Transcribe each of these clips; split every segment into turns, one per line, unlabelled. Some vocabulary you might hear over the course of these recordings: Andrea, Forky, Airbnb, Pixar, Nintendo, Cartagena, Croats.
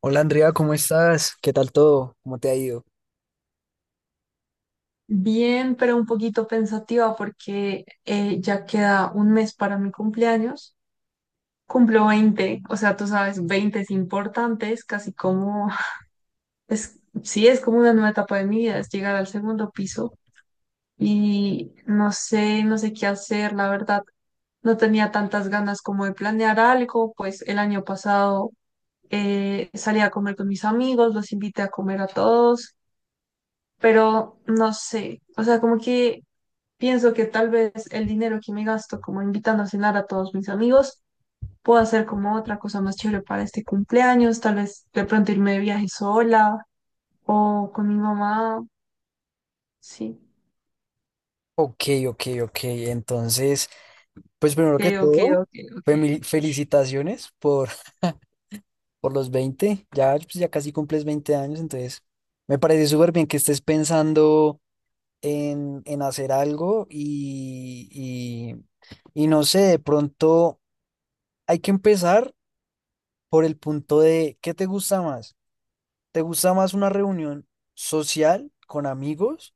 Hola Andrea, ¿cómo estás? ¿Qué tal todo? ¿Cómo te ha ido?
Bien, pero un poquito pensativa porque ya queda un mes para mi cumpleaños. Cumplo 20, o sea, tú sabes, 20 es importante, es casi como, es, sí, es como una nueva etapa de mi vida, es llegar al segundo piso. Y no sé, no sé qué hacer, la verdad. No tenía tantas ganas como de planear algo. Pues el año pasado salí a comer con mis amigos, los invité a comer a todos, pero no sé, o sea, como que pienso que tal vez el dinero que me gasto como invitando a cenar a todos mis amigos, puedo hacer como otra cosa más chévere para este cumpleaños, tal vez de pronto irme de viaje sola o con mi mamá. Sí.
Ok, ok, ok. Entonces, pues
Ok,
primero que
ok,
todo,
ok, ok.
felicitaciones por, por los 20. Ya, pues, ya casi cumples 20 años, entonces me parece súper bien que estés pensando en hacer algo y no sé, de pronto hay que empezar por el punto de: ¿qué te gusta más? ¿Te gusta más una reunión social con amigos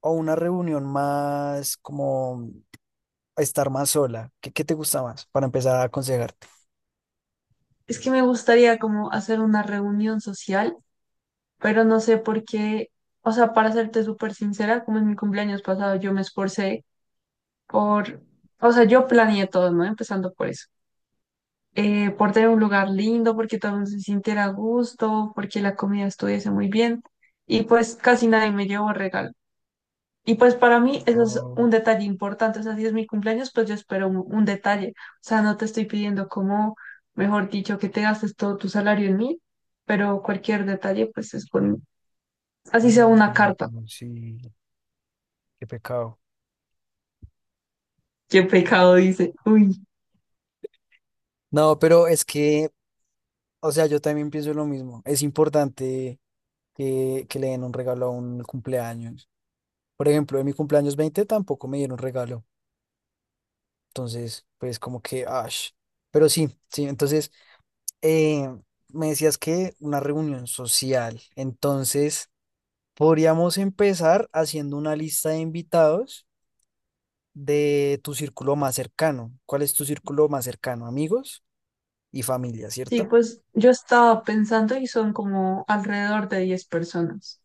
o una reunión más como estar más sola? ¿Qué te gusta más para empezar a aconsejarte?
Es que me gustaría como hacer una reunión social, pero no sé por qué, o sea, para serte súper sincera, como en mi cumpleaños pasado yo me esforcé por, o sea, yo planeé todo, ¿no? Empezando por eso, por tener un lugar lindo, porque todo el mundo se sintiera a gusto, porque la comida estuviese muy bien. Y pues casi nadie me llevó regalo. Y pues para mí eso es
Oh,
un detalle importante. O sea, si es mi cumpleaños, pues yo espero un detalle. O sea, no te estoy pidiendo como, mejor dicho, que te gastes todo tu salario en mí, pero cualquier detalle, pues es bueno.
no,
Así sea una
no,
carta.
no, sí, qué pecado.
Qué pecado, dice. Uy.
No, pero es que, o sea, yo también pienso lo mismo. Es importante que le den un regalo a un cumpleaños. Por ejemplo, en mi cumpleaños 20 tampoco me dieron regalo. Entonces, pues como que, ash. Pero sí, sí, entonces, eh, me decías que una reunión social. Entonces, podríamos empezar haciendo una lista de invitados de tu círculo más cercano. ¿Cuál es tu círculo más cercano? Amigos y familia,
Sí,
¿cierto?
pues yo estaba pensando y son como alrededor de 10 personas.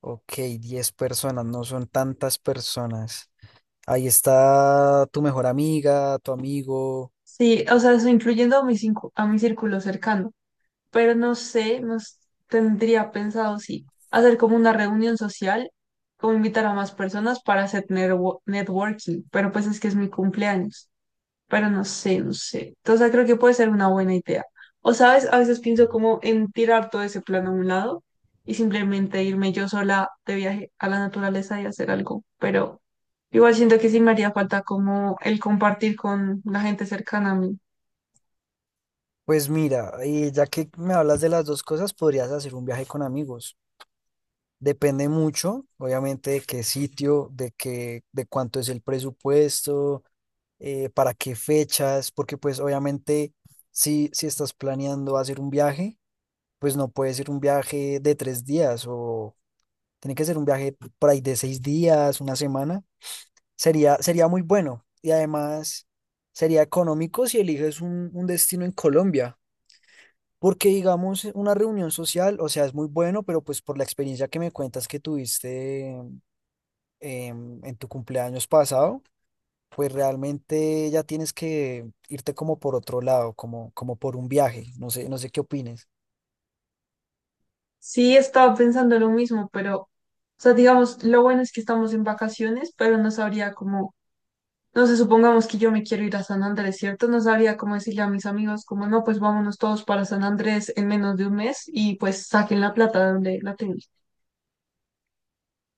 Ok, 10 personas, no son tantas personas. Ahí está tu mejor amiga, tu amigo.
Sí, o sea, eso incluyendo a mi, a mi círculo cercano, pero no sé, nos tendría pensado, sí, hacer como una reunión social, como invitar a más personas para hacer networking, pero pues es que es mi cumpleaños. Pero no sé, no sé. Entonces creo que puede ser una buena idea. O sabes, a veces pienso como en tirar todo ese plan a un lado y simplemente irme yo sola de viaje a la naturaleza y hacer algo, pero igual siento que sí me haría falta como el compartir con la gente cercana a mí.
Pues mira, ya que me hablas de las dos cosas, podrías hacer un viaje con amigos. Depende mucho, obviamente, de qué sitio, de cuánto es el presupuesto, para qué fechas, porque pues obviamente, si estás planeando hacer un viaje, pues no puede ser un viaje de 3 días o tiene que ser un viaje por ahí de 6 días, una semana. Sería muy bueno y además sería económico si eliges un destino en Colombia. Porque digamos, una reunión social, o sea, es muy bueno, pero pues por la experiencia que me cuentas que tuviste, en tu cumpleaños pasado, pues realmente ya tienes que irte como por otro lado, como por un viaje. No sé, no sé qué opines.
Sí, estaba pensando lo mismo, pero, o sea, digamos, lo bueno es que estamos en vacaciones, pero no sabría cómo, no sé, supongamos que yo me quiero ir a San Andrés, ¿cierto? No sabría cómo decirle a mis amigos, como, no, pues vámonos todos para San Andrés en menos de un mes y pues saquen la plata de donde la tengan.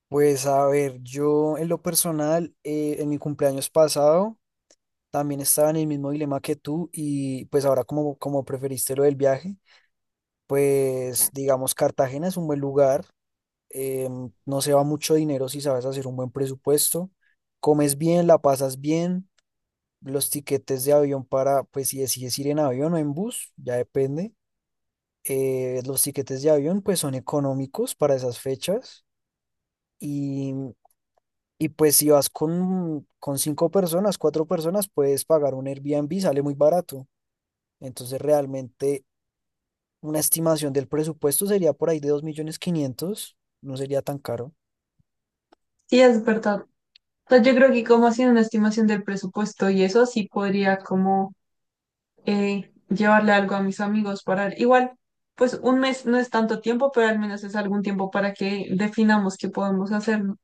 Pues a ver, yo en lo personal, en mi cumpleaños pasado también estaba en el mismo dilema que tú, y pues ahora como preferiste lo del viaje, pues digamos Cartagena es un buen lugar, no se va mucho dinero si sabes hacer un buen presupuesto, comes bien, la pasas bien. Los tiquetes de avión, para, pues si decides ir en avión o en bus, ya depende, los tiquetes de avión pues son económicos para esas fechas, y, y, pues si vas con 5 personas, 4 personas, puedes pagar un Airbnb, sale muy barato. Entonces realmente una estimación del presupuesto sería por ahí de 2.500.000, no sería tan caro.
Sí, es verdad. O sea, yo creo que como haciendo una estimación del presupuesto y eso, sí podría como llevarle algo a mis amigos. Para, igual, pues un mes no es tanto tiempo, pero al menos es algún tiempo para que definamos qué podemos hacer, ¿no?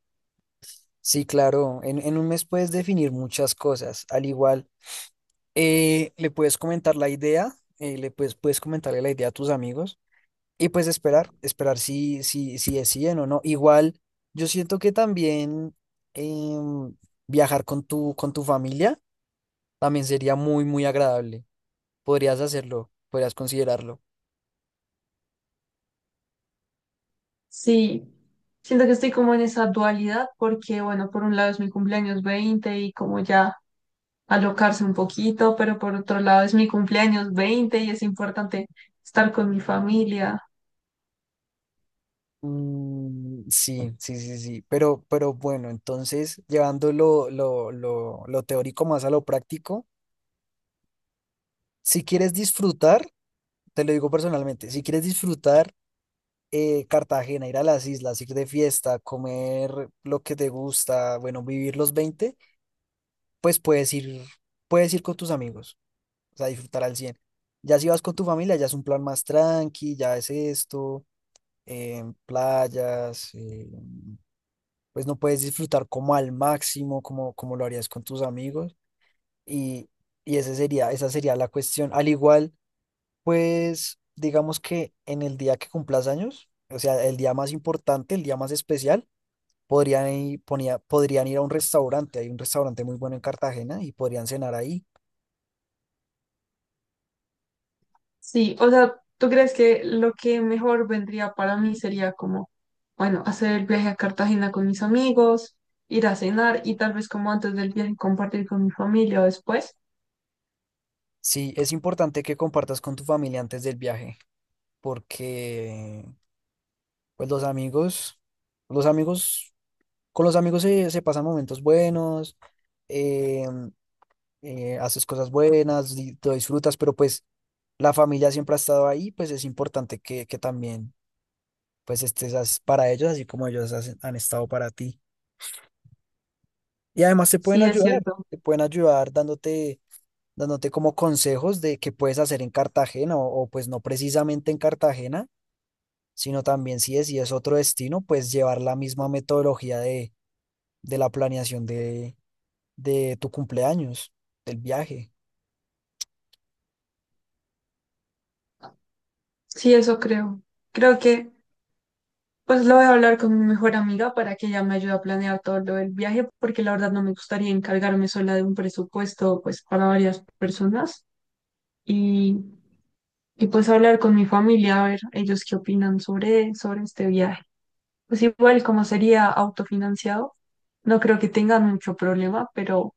Sí, claro, en un mes puedes definir muchas cosas. Al igual, le puedes comentar la idea, le puedes comentarle la idea a tus amigos y pues esperar si deciden o no. Igual, yo siento que también, em, viajar con tu familia también sería muy, muy agradable. Podrías hacerlo, podrías considerarlo.
Sí, siento que estoy como en esa dualidad porque, bueno, por un lado es mi cumpleaños 20 y como ya alocarse un poquito, pero por otro lado es mi cumpleaños 20 y es importante estar con mi familia.
Mm, sí, sí, sí, sí. Pero bueno, entonces, llevando lo teórico más a lo práctico, si quieres disfrutar, te lo digo personalmente, si quieres disfrutar, Cartagena, ir a las islas, ir de fiesta, comer lo que te gusta, bueno, vivir los veinte, pues puedes ir, con tus amigos, o sea, disfrutar al cien. Ya si vas con tu familia, ya es un plan más tranqui, ya es esto, playas, pues no puedes disfrutar como al máximo, como lo harías con tus amigos. Y, y esa sería la cuestión. Al igual, pues digamos que en el día que cumplas años, o sea, el día más importante, el día más especial, Podrían ir a un restaurante, hay un restaurante muy bueno en Cartagena y podrían cenar ahí.
Sí, o sea, ¿tú crees que lo que mejor vendría para mí sería como, bueno, hacer el viaje a Cartagena con mis amigos, ir a cenar y tal vez como antes del viaje compartir con mi familia o después?
Sí, es importante que compartas con tu familia antes del viaje, porque pues los amigos, con los amigos se pasan momentos buenos, eh, haces cosas buenas, lo disfrutas, pero pues la familia siempre ha estado ahí, pues es importante que también pues estés, para ellos, así como ellos han estado para ti. Y además te pueden
Sí, es
ayudar,
cierto.
dándote, como consejos de qué puedes hacer en Cartagena, pues no precisamente en Cartagena, sino también si es, otro destino, pues llevar la misma metodología de la planeación de tu cumpleaños, del viaje.
Sí, eso creo. Creo que pues lo voy a hablar con mi mejor amiga para que ella me ayude a planear todo lo del viaje, porque la verdad no me gustaría encargarme sola de un presupuesto pues para varias personas y, y pues hablar con mi familia, a ver ellos qué opinan sobre este viaje. Pues igual como sería autofinanciado, no creo que tengan mucho problema, pero,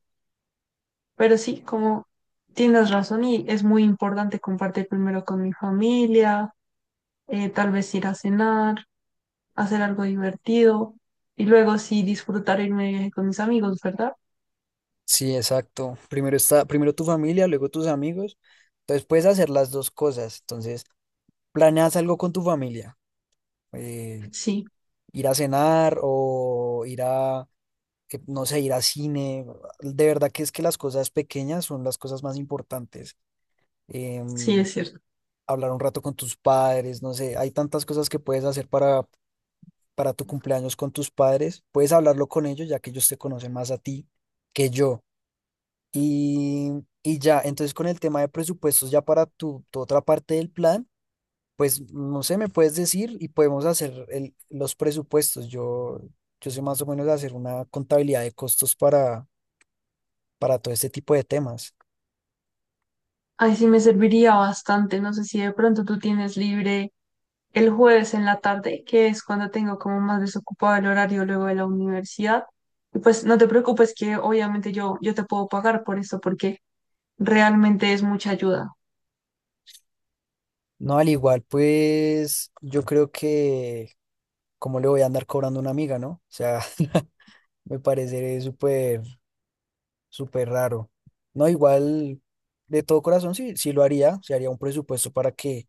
pero sí, como tienes razón y es muy importante compartir primero con mi familia. Eh, tal vez ir a cenar, hacer algo divertido y luego sí disfrutar irme de viaje con mis amigos, ¿verdad?
Sí, exacto. Primero tu familia, luego tus amigos. Entonces puedes hacer las dos cosas. Entonces, planeas algo con tu familia, eh,
Sí,
ir a cenar, o que, no sé, ir a cine. De verdad que es que las cosas pequeñas son las cosas más importantes.
sí,
em,
es cierto.
hablar un rato con tus padres, no sé, hay tantas cosas que puedes hacer para tu cumpleaños con tus padres. Puedes hablarlo con ellos, ya que ellos te conocen más a ti que yo. Y, y ya, entonces, con el tema de presupuestos, ya para tu otra parte del plan, pues no sé, me puedes decir y podemos hacer los presupuestos. Yo sé más o menos hacer una contabilidad de costos para todo este tipo de temas.
Ay, sí me serviría bastante. No sé si de pronto tú tienes libre el jueves en la tarde, que es cuando tengo como más desocupado el horario luego de la universidad. Y pues no te preocupes que obviamente yo te puedo pagar por eso porque realmente es mucha ayuda.
No, al igual, pues yo creo que, ¿cómo le voy a andar cobrando a una amiga, no? O sea, me parece súper, súper raro. No, igual, de todo corazón, sí, sí lo haría, se haría un presupuesto para que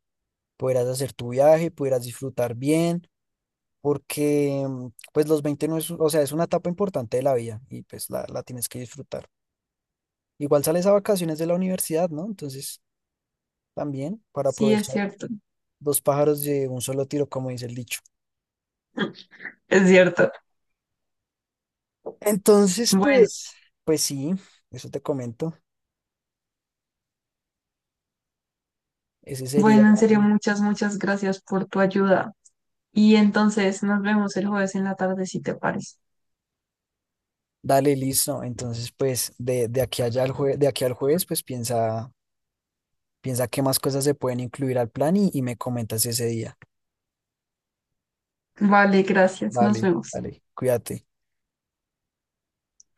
pudieras hacer tu viaje, pudieras disfrutar bien, porque pues los 20 no es, o sea, es una etapa importante de la vida y pues la tienes que disfrutar. Igual sales a vacaciones de la universidad, ¿no? Entonces, también para
Sí, es
aprovechar
cierto.
dos pájaros de un solo tiro, como dice el dicho.
Es cierto.
Entonces,
Bueno,
pues, sí, eso te comento. Ese sería.
bueno, en serio, muchas, muchas gracias por tu ayuda. Y entonces nos vemos el jueves en la tarde, si te parece.
Dale, listo. Entonces, pues de aquí al jueves, pues piensa qué más cosas se pueden incluir al plan y me comentas ese día.
Vale, gracias. Nos
Vale,
vemos.
dale, cuídate.